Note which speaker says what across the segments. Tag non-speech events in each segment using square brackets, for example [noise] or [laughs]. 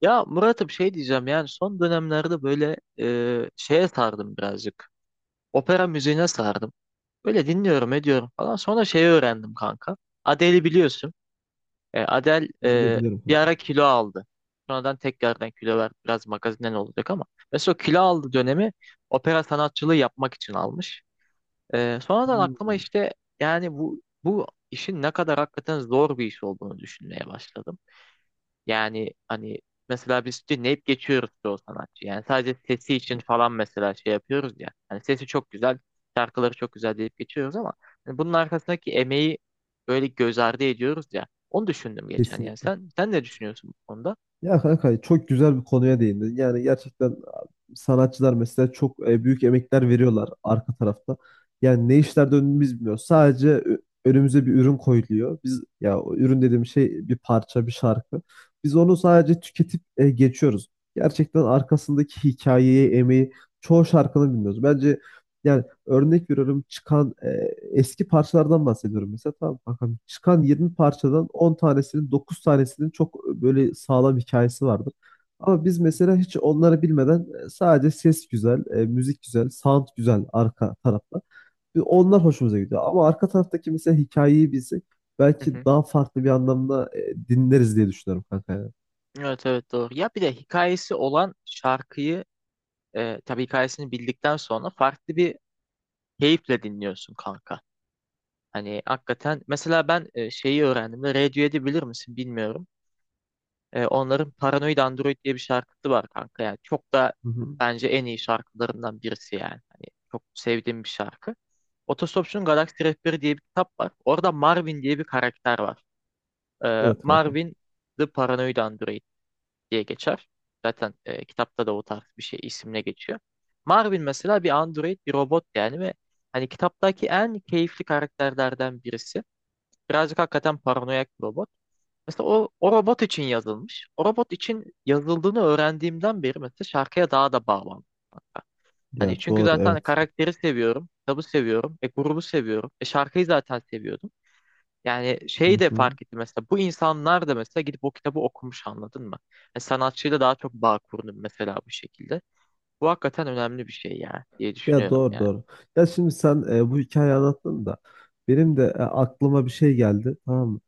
Speaker 1: Ya Murat'ım şey diyeceğim yani son dönemlerde böyle şeye sardım birazcık. Opera müziğine sardım. Böyle dinliyorum ediyorum falan. Sonra şeyi öğrendim kanka. Adele'i biliyorsun. Adele
Speaker 2: Biliyorum
Speaker 1: bir
Speaker 2: kanka.
Speaker 1: ara kilo aldı. Sonradan tekrardan kilo verdi. Biraz magazinden olacak ama. Mesela o kilo aldı dönemi opera sanatçılığı yapmak için almış. Sonradan aklıma
Speaker 2: Hmm.
Speaker 1: işte yani bu işin ne kadar hakikaten zor bir iş olduğunu düşünmeye başladım. Yani hani mesela biz dinleyip geçiyoruz çoğu sanatçı. Yani sadece sesi için falan mesela şey yapıyoruz ya. Hani sesi çok güzel, şarkıları çok güzel deyip geçiyoruz ama hani bunun arkasındaki emeği böyle göz ardı ediyoruz ya. Onu düşündüm geçen yani.
Speaker 2: Kesinlikle.
Speaker 1: Sen ne düşünüyorsun bu konuda?
Speaker 2: Ya kanka çok güzel bir konuya değindin. Yani gerçekten sanatçılar mesela çok büyük emekler veriyorlar arka tarafta. Yani ne işler döndüğünü biz bilmiyoruz. Sadece önümüze bir ürün koyuluyor. Biz ya o ürün dediğim şey bir parça, bir şarkı. Biz onu sadece tüketip geçiyoruz. Gerçekten arkasındaki hikayeyi, emeği çoğu şarkını bilmiyoruz. Bence yani örnek veriyorum çıkan eski parçalardan bahsediyorum mesela tamam kankam çıkan 20 parçadan 10 tanesinin 9 tanesinin çok böyle sağlam hikayesi vardır. Ama biz mesela hiç onları bilmeden sadece ses güzel, müzik güzel, sound güzel arka tarafta. Ve onlar hoşumuza gidiyor. Ama arka taraftaki mesela hikayeyi bilsek
Speaker 1: Hı
Speaker 2: belki
Speaker 1: hı.
Speaker 2: daha farklı bir anlamda dinleriz diye düşünüyorum kanka ya.
Speaker 1: Evet evet, doğru. Ya bir de hikayesi olan şarkıyı tabii hikayesini bildikten sonra farklı bir keyifle dinliyorsun kanka. Hani hakikaten mesela ben şeyi öğrendim de Radiohead'i bilir misin bilmiyorum. Onların Paranoid Android diye bir şarkısı var kanka. Yani çok da
Speaker 2: Hı hı.
Speaker 1: bence en iyi şarkılarından birisi yani. Hani çok sevdiğim bir şarkı. Otostopçunun Galaksi Rehberi diye bir kitap var. Orada Marvin diye bir karakter var.
Speaker 2: Evet kanka.
Speaker 1: Marvin The Paranoid Android diye geçer. Zaten kitapta da o tarz bir şey isimle geçiyor. Marvin mesela bir android, bir robot yani ve hani kitaptaki en keyifli karakterlerden birisi. Birazcık hakikaten paranoyak bir robot. Mesela o robot için yazılmış. O robot için yazıldığını öğrendiğimden beri mesela şarkıya daha da bağlandım hatta.
Speaker 2: Ya
Speaker 1: Hani çünkü
Speaker 2: doğru
Speaker 1: zaten
Speaker 2: evet.
Speaker 1: karakteri seviyorum, kitabı seviyorum, grubu seviyorum, şarkıyı zaten seviyordum. Yani şeyi
Speaker 2: Hı
Speaker 1: de
Speaker 2: hı.
Speaker 1: fark ettim mesela bu insanlar da mesela gidip o kitabı okumuş, anladın mı? Yani sanatçıyla daha çok bağ kurdum mesela bu şekilde. Bu hakikaten önemli bir şey ya diye
Speaker 2: Ya
Speaker 1: düşünüyorum
Speaker 2: doğru
Speaker 1: yani.
Speaker 2: doğru. Ya şimdi sen bu hikayeyi anlattın da benim de aklıma bir şey geldi, tamam mı?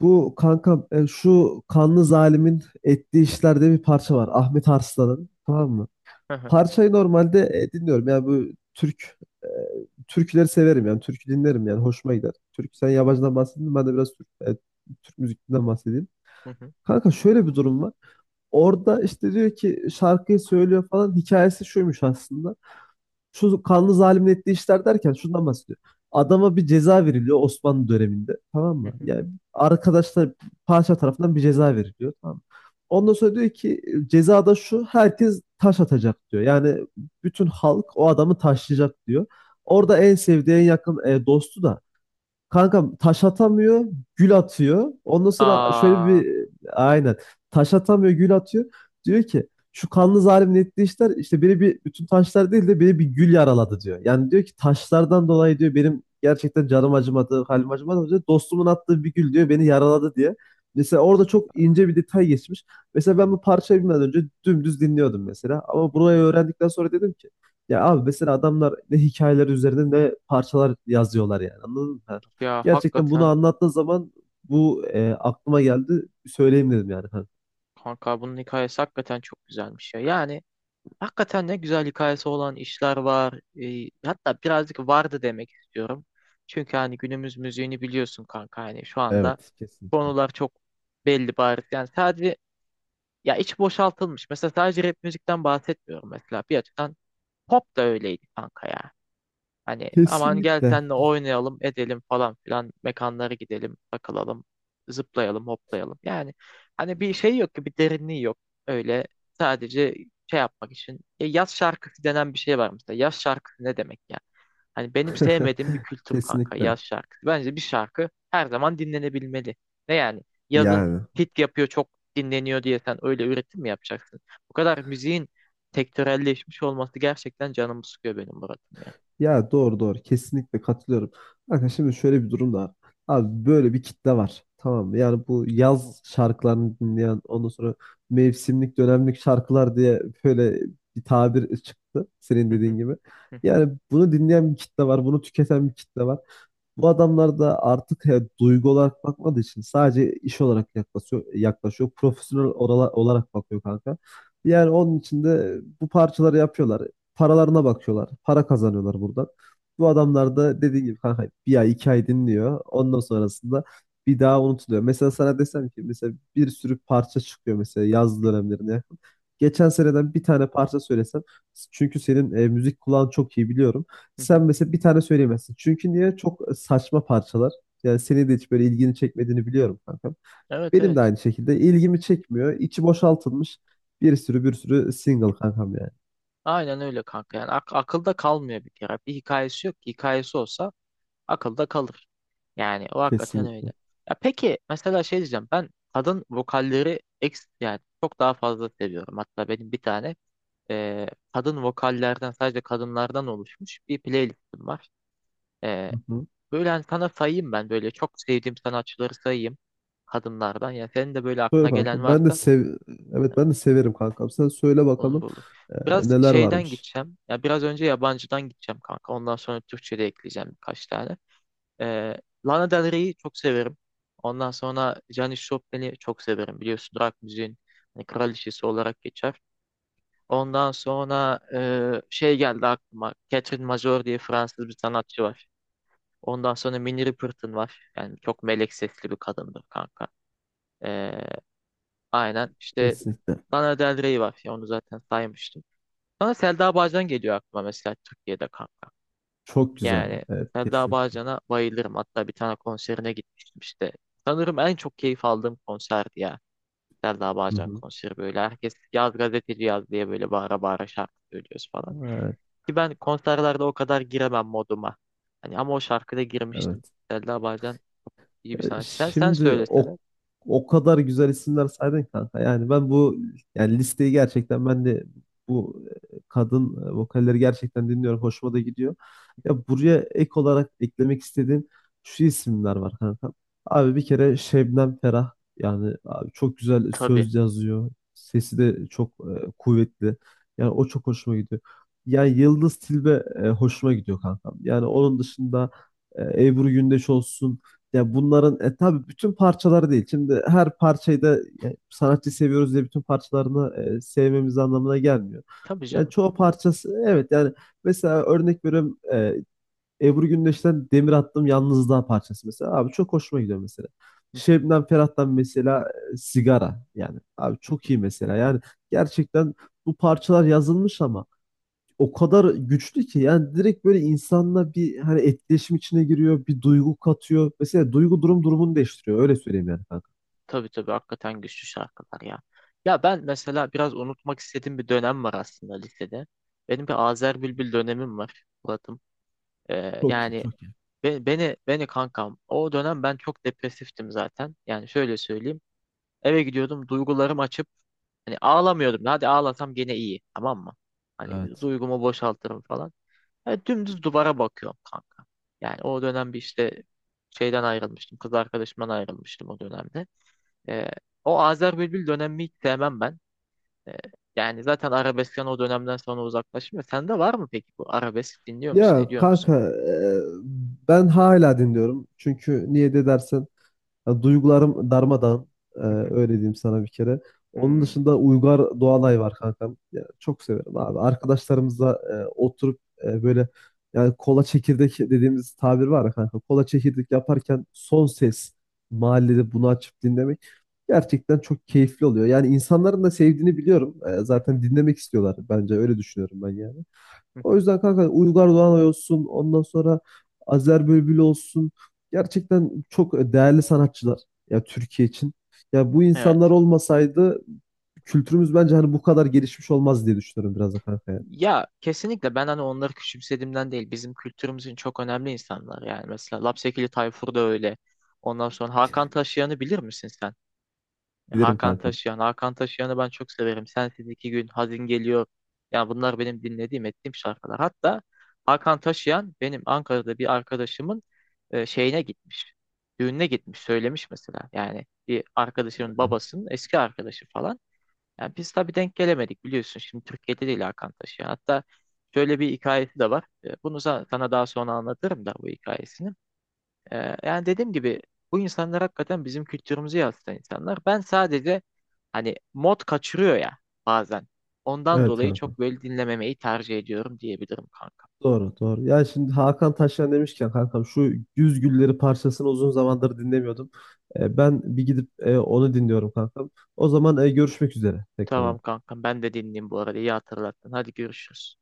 Speaker 2: Bu kankam şu kanlı zalimin ettiği işlerde bir parça var. Ahmet Arslan'ın, tamam mı?
Speaker 1: Hı hı,
Speaker 2: Parçayı normalde dinliyorum. Yani bu e, türküleri severim, yani türkü dinlerim yani hoşuma gider. Türk, sen
Speaker 1: hı hı,
Speaker 2: yabancıdan bahsettin, ben de biraz Türk müziğinden bahsedeyim.
Speaker 1: hı hı,
Speaker 2: Kanka şöyle bir durum var. Orada işte diyor ki şarkıyı söylüyor falan, hikayesi şuymuş aslında, şu kanlı zalimin ettiği işler derken şundan bahsediyor. Adama bir ceza veriliyor Osmanlı döneminde. Tamam
Speaker 1: hı
Speaker 2: mı?
Speaker 1: hı,
Speaker 2: Yani arkadaşlar padişah tarafından bir ceza veriliyor. Tamam mı? Ondan sonra diyor ki ceza da şu, herkes taş atacak diyor. Yani bütün halk o adamı taşlayacak diyor.
Speaker 1: hı
Speaker 2: Orada
Speaker 1: hı.
Speaker 2: en sevdiği en yakın dostu da kankam taş atamıyor, gül atıyor. Ondan sonra şöyle
Speaker 1: Aa,
Speaker 2: bir aynen taş atamıyor, gül atıyor. Diyor ki şu kanlı zalimin ettiği işler işte, beni bir bütün taşlar değil de beni bir gül yaraladı diyor. Yani diyor ki taşlardan dolayı diyor benim gerçekten canım acımadı, halim acımadı diyor. Dostumun attığı bir gül diyor beni yaraladı diye. Mesela orada çok ince bir detay geçmiş. Mesela ben bu parçayı bilmeden önce dümdüz dinliyordum mesela. Ama
Speaker 1: hı
Speaker 2: burayı
Speaker 1: hı.
Speaker 2: öğrendikten sonra dedim ki ya abi, mesela adamlar ne hikayeler üzerine ne parçalar yazıyorlar, yani anladın mı?
Speaker 1: Ya
Speaker 2: Gerçekten bunu
Speaker 1: hakikaten,
Speaker 2: anlattığın zaman bu aklıma geldi. Söyleyeyim dedim kanka.
Speaker 1: kanka bunun hikayesi hakikaten çok güzelmiş ya. Yani hakikaten ne güzel hikayesi olan işler var. Hatta birazcık vardı demek istiyorum. Çünkü hani günümüz müziğini biliyorsun kanka. Hani şu anda
Speaker 2: Evet, kesinlikle.
Speaker 1: konular çok belli, bariz. Yani sadece ya iç boşaltılmış. Mesela sadece rap müzikten bahsetmiyorum mesela. Bir açıdan pop da öyleydi kanka ya. Hani aman gel
Speaker 2: Kesinlikle.
Speaker 1: senle oynayalım edelim falan filan, mekanlara gidelim takılalım, zıplayalım hoplayalım. Yani hani bir şey yok ki, bir derinliği yok, öyle sadece şey yapmak için. Yaz şarkısı denen bir şey var mesela, yaz şarkısı ne demek ya? Hani benim sevmediğim bir
Speaker 2: [laughs]
Speaker 1: kültür kanka
Speaker 2: Kesinlikle.
Speaker 1: yaz şarkısı. Bence bir şarkı her zaman dinlenebilmeli. Ne yani, yazın
Speaker 2: Yani.
Speaker 1: hit yapıyor, çok dinleniyor diye sen öyle üretim mi yapacaksın? Bu kadar müziğin sektörelleşmiş olması gerçekten canımı sıkıyor benim Murat'ım
Speaker 2: Ya doğru doğru. Kesinlikle katılıyorum. Bakın şimdi şöyle bir durum da var. Abi böyle bir kitle var. Tamam mı? Yani bu yaz şarkılarını dinleyen, ondan sonra mevsimlik dönemlik şarkılar diye böyle bir tabir çıktı. Senin
Speaker 1: ya.
Speaker 2: dediğin
Speaker 1: Hı
Speaker 2: gibi.
Speaker 1: hı,
Speaker 2: Yani bunu dinleyen bir kitle var. Bunu tüketen bir kitle var. Bu adamlar da artık duygu olarak bakmadığı için sadece iş olarak yaklaşıyor, yaklaşıyor. Profesyonel olarak bakıyor kanka.
Speaker 1: hı hı,
Speaker 2: Yani onun için de bu parçaları yapıyorlar. Paralarına bakıyorlar. Para kazanıyorlar buradan. Bu adamlar da dediğim gibi kanka bir ay iki ay dinliyor. Ondan sonrasında bir daha unutuluyor. Mesela sana desem ki mesela bir sürü parça çıkıyor mesela yaz
Speaker 1: hı hı,
Speaker 2: dönemlerine yakın. Geçen seneden bir tane parça söylesem, çünkü senin müzik kulağın çok iyi biliyorum.
Speaker 1: hı
Speaker 2: Sen
Speaker 1: hı.
Speaker 2: mesela bir tane söyleyemezsin. Çünkü niye? Çok saçma parçalar. Yani senin de hiç böyle ilgini çekmediğini biliyorum kankam.
Speaker 1: Evet
Speaker 2: Benim de
Speaker 1: evet.
Speaker 2: aynı şekilde ilgimi çekmiyor. İçi boşaltılmış bir sürü bir sürü single kankam yani.
Speaker 1: Aynen öyle kanka. Yani akılda kalmıyor bir kere. Bir hikayesi yok ki. Hikayesi olsa akılda kalır. Yani o hakikaten öyle.
Speaker 2: Kesinlikle.
Speaker 1: Ya peki mesela şey diyeceğim. Ben kadın vokalleri ex yani çok daha fazla seviyorum. Hatta benim bir tane e, kadın vokallerden, sadece kadınlardan oluşmuş bir playlistim var. E,
Speaker 2: Hı hı.
Speaker 1: Böyle hani sana sayayım, ben böyle çok sevdiğim sanatçıları sayayım kadınlardan. Ya senin de böyle aklına
Speaker 2: Söyle
Speaker 1: gelen
Speaker 2: kankam. Ben de
Speaker 1: varsa.
Speaker 2: sev Evet, ben de severim kankam. Sen söyle
Speaker 1: Olur
Speaker 2: bakalım
Speaker 1: olur.
Speaker 2: e,
Speaker 1: Biraz
Speaker 2: neler
Speaker 1: şeyden
Speaker 2: varmış.
Speaker 1: gideceğim. Ya biraz önce yabancıdan gideceğim kanka. Ondan sonra Türkçe de ekleyeceğim birkaç tane. Ee, Lana Del Rey'i çok severim. Ondan sonra Janis Joplin'i çok severim. Biliyorsun rock müziğin hani kraliçesi olarak geçer. Ondan sonra şey geldi aklıma. Catherine Major diye Fransız bir sanatçı var. Ondan sonra Minnie Riperton var. Yani çok melek sesli bir kadındır kanka. Ee, aynen. İşte
Speaker 2: Kesinlikle.
Speaker 1: Lana Del Rey var. Ya onu zaten saymıştım. Sonra Selda Bağcan geliyor aklıma mesela, Türkiye'de kanka.
Speaker 2: Çok güzel.
Speaker 1: Yani
Speaker 2: Evet
Speaker 1: Selda
Speaker 2: kesin.
Speaker 1: Bağcan'a bayılırım. Hatta bir tane konserine gitmiştim işte. Sanırım en çok keyif aldığım konserdi ya. Selda
Speaker 2: Hı
Speaker 1: Bağcan
Speaker 2: hı.
Speaker 1: konseri böyle. Herkes yaz gazeteci yaz diye böyle bağıra bağıra şarkı söylüyoruz falan.
Speaker 2: Evet,
Speaker 1: Ki ben konserlerde o kadar giremem moduma. Hani ama o şarkıda girmiştim.
Speaker 2: evet.
Speaker 1: Selda Bağcan çok iyi bir
Speaker 2: Ya
Speaker 1: sanatçı. Sen
Speaker 2: şimdi
Speaker 1: söylesene.
Speaker 2: o kadar güzel isimler saydın ki kanka. Yani ben bu yani listeyi gerçekten ben de bu kadın vokalleri gerçekten dinliyorum. Hoşuma da gidiyor. Ya buraya ek olarak eklemek istediğim şu isimler var kanka. Abi bir kere Şebnem Ferah, yani abi çok güzel
Speaker 1: Tabii.
Speaker 2: söz yazıyor. Sesi de çok kuvvetli. Yani o çok hoşuma gidiyor. Yani Yıldız Tilbe hoşuma gidiyor kanka. Yani onun dışında Ebru Gündeş olsun, ya bunların tabii bütün parçaları değil. Şimdi her parçayı da sanatçı seviyoruz diye bütün parçalarını sevmemiz anlamına gelmiyor.
Speaker 1: Tabii
Speaker 2: Yani
Speaker 1: canım.
Speaker 2: çoğu parçası evet, yani mesela örnek veriyorum Ebru Gündeş'ten Demir Attım Yalnızlığa parçası mesela. Abi çok hoşuma gidiyor mesela. Şebnem Ferah'tan mesela Sigara, yani abi çok iyi mesela. Yani gerçekten bu parçalar yazılmış ama o kadar güçlü ki, yani direkt böyle insanla bir hani etkileşim içine giriyor, bir duygu katıyor. Mesela duygu durumunu değiştiriyor. Öyle söyleyeyim yani kanka.
Speaker 1: Tabii tabii hakikaten güçlü şarkılar ya. Ya ben mesela biraz unutmak istediğim bir dönem var aslında lisede. Benim bir Azer Bülbül dönemim var Murat'ım.
Speaker 2: Çok iyi,
Speaker 1: Yani
Speaker 2: çok iyi.
Speaker 1: beni kankam, o dönem ben çok depresiftim zaten. Yani şöyle söyleyeyim. Eve gidiyordum, duygularım açıp hani ağlamıyordum. Hadi ağlasam gene iyi, tamam mı? Hani
Speaker 2: Evet.
Speaker 1: duygumu boşaltırım falan. Yani dümdüz duvara bakıyorum kanka. Yani o dönem bir işte şeyden ayrılmıştım. Kız arkadaşımdan ayrılmıştım o dönemde. Ee, O Azer Bülbül dönemi hiç sevmem ben. Ee, Yani zaten arabeskten o dönemden sonra uzaklaştım ya. Sende var mı peki, bu arabesk dinliyor musun,
Speaker 2: Ya
Speaker 1: ediyor musun?
Speaker 2: kanka ben hala dinliyorum. Çünkü niye de dersen, ya duygularım darmadağın. Ee,
Speaker 1: Hı hı,
Speaker 2: Öyle diyeyim sana bir kere. Onun
Speaker 1: hı,
Speaker 2: dışında Uygar Doğanay var kankam. Ya, çok severim abi. Arkadaşlarımızla oturup böyle yani kola çekirdek dediğimiz tabir var ya kanka. Kola çekirdek yaparken son ses mahallede bunu açıp dinlemek gerçekten çok keyifli oluyor. Yani insanların da sevdiğini biliyorum.
Speaker 1: hı hı,
Speaker 2: Zaten dinlemek istiyorlar, bence öyle düşünüyorum ben yani.
Speaker 1: hı
Speaker 2: O
Speaker 1: hı.
Speaker 2: yüzden kanka Uygar Doğanay olsun, ondan sonra Azer Bülbül olsun. Gerçekten çok değerli sanatçılar ya Türkiye için. Ya bu insanlar
Speaker 1: Evet.
Speaker 2: olmasaydı kültürümüz bence hani bu kadar gelişmiş olmaz diye düşünüyorum biraz da kanka yani.
Speaker 1: Ya kesinlikle, ben hani onları küçümsediğimden değil. Bizim kültürümüzün çok önemli insanlar yani. Mesela Lapsekili Tayfur da öyle. Ondan sonra Hakan Taşıyan'ı bilir misin sen?
Speaker 2: Bilirim
Speaker 1: Hakan
Speaker 2: kankam.
Speaker 1: Taşıyan. Hakan Taşıyan'ı ben çok severim. Sensiz iki gün, Hazin geliyor. Yani bunlar benim dinlediğim, ettiğim şarkılar. Hatta Hakan Taşıyan benim Ankara'da bir arkadaşımın şeyine gitmiş. Düğününe gitmiş, söylemiş mesela. Yani bir arkadaşımın babasının eski arkadaşı falan. Yani biz tabii denk gelemedik biliyorsun. Şimdi Türkiye'de değil Hakan Taşıyan. Hatta şöyle bir hikayesi de var. Bunu sana daha sonra anlatırım da bu hikayesini. Yani dediğim gibi bu insanlar hakikaten bizim kültürümüzü yansıtan insanlar. Ben sadece hani mod kaçırıyor ya bazen. Ondan
Speaker 2: Evet
Speaker 1: dolayı
Speaker 2: kankam.
Speaker 1: çok böyle dinlememeyi tercih ediyorum diyebilirim kanka.
Speaker 2: Doğru doğru. Ya şimdi Hakan Taşyan demişken kankam şu Güz Gülleri parçasını uzun zamandır dinlemiyordum. Ben bir gidip onu dinliyorum kankam. O zaman görüşmek üzere
Speaker 1: Tamam
Speaker 2: tekrardan.
Speaker 1: kankam, ben de dinleyeyim, bu arada iyi hatırlattın. Hadi görüşürüz.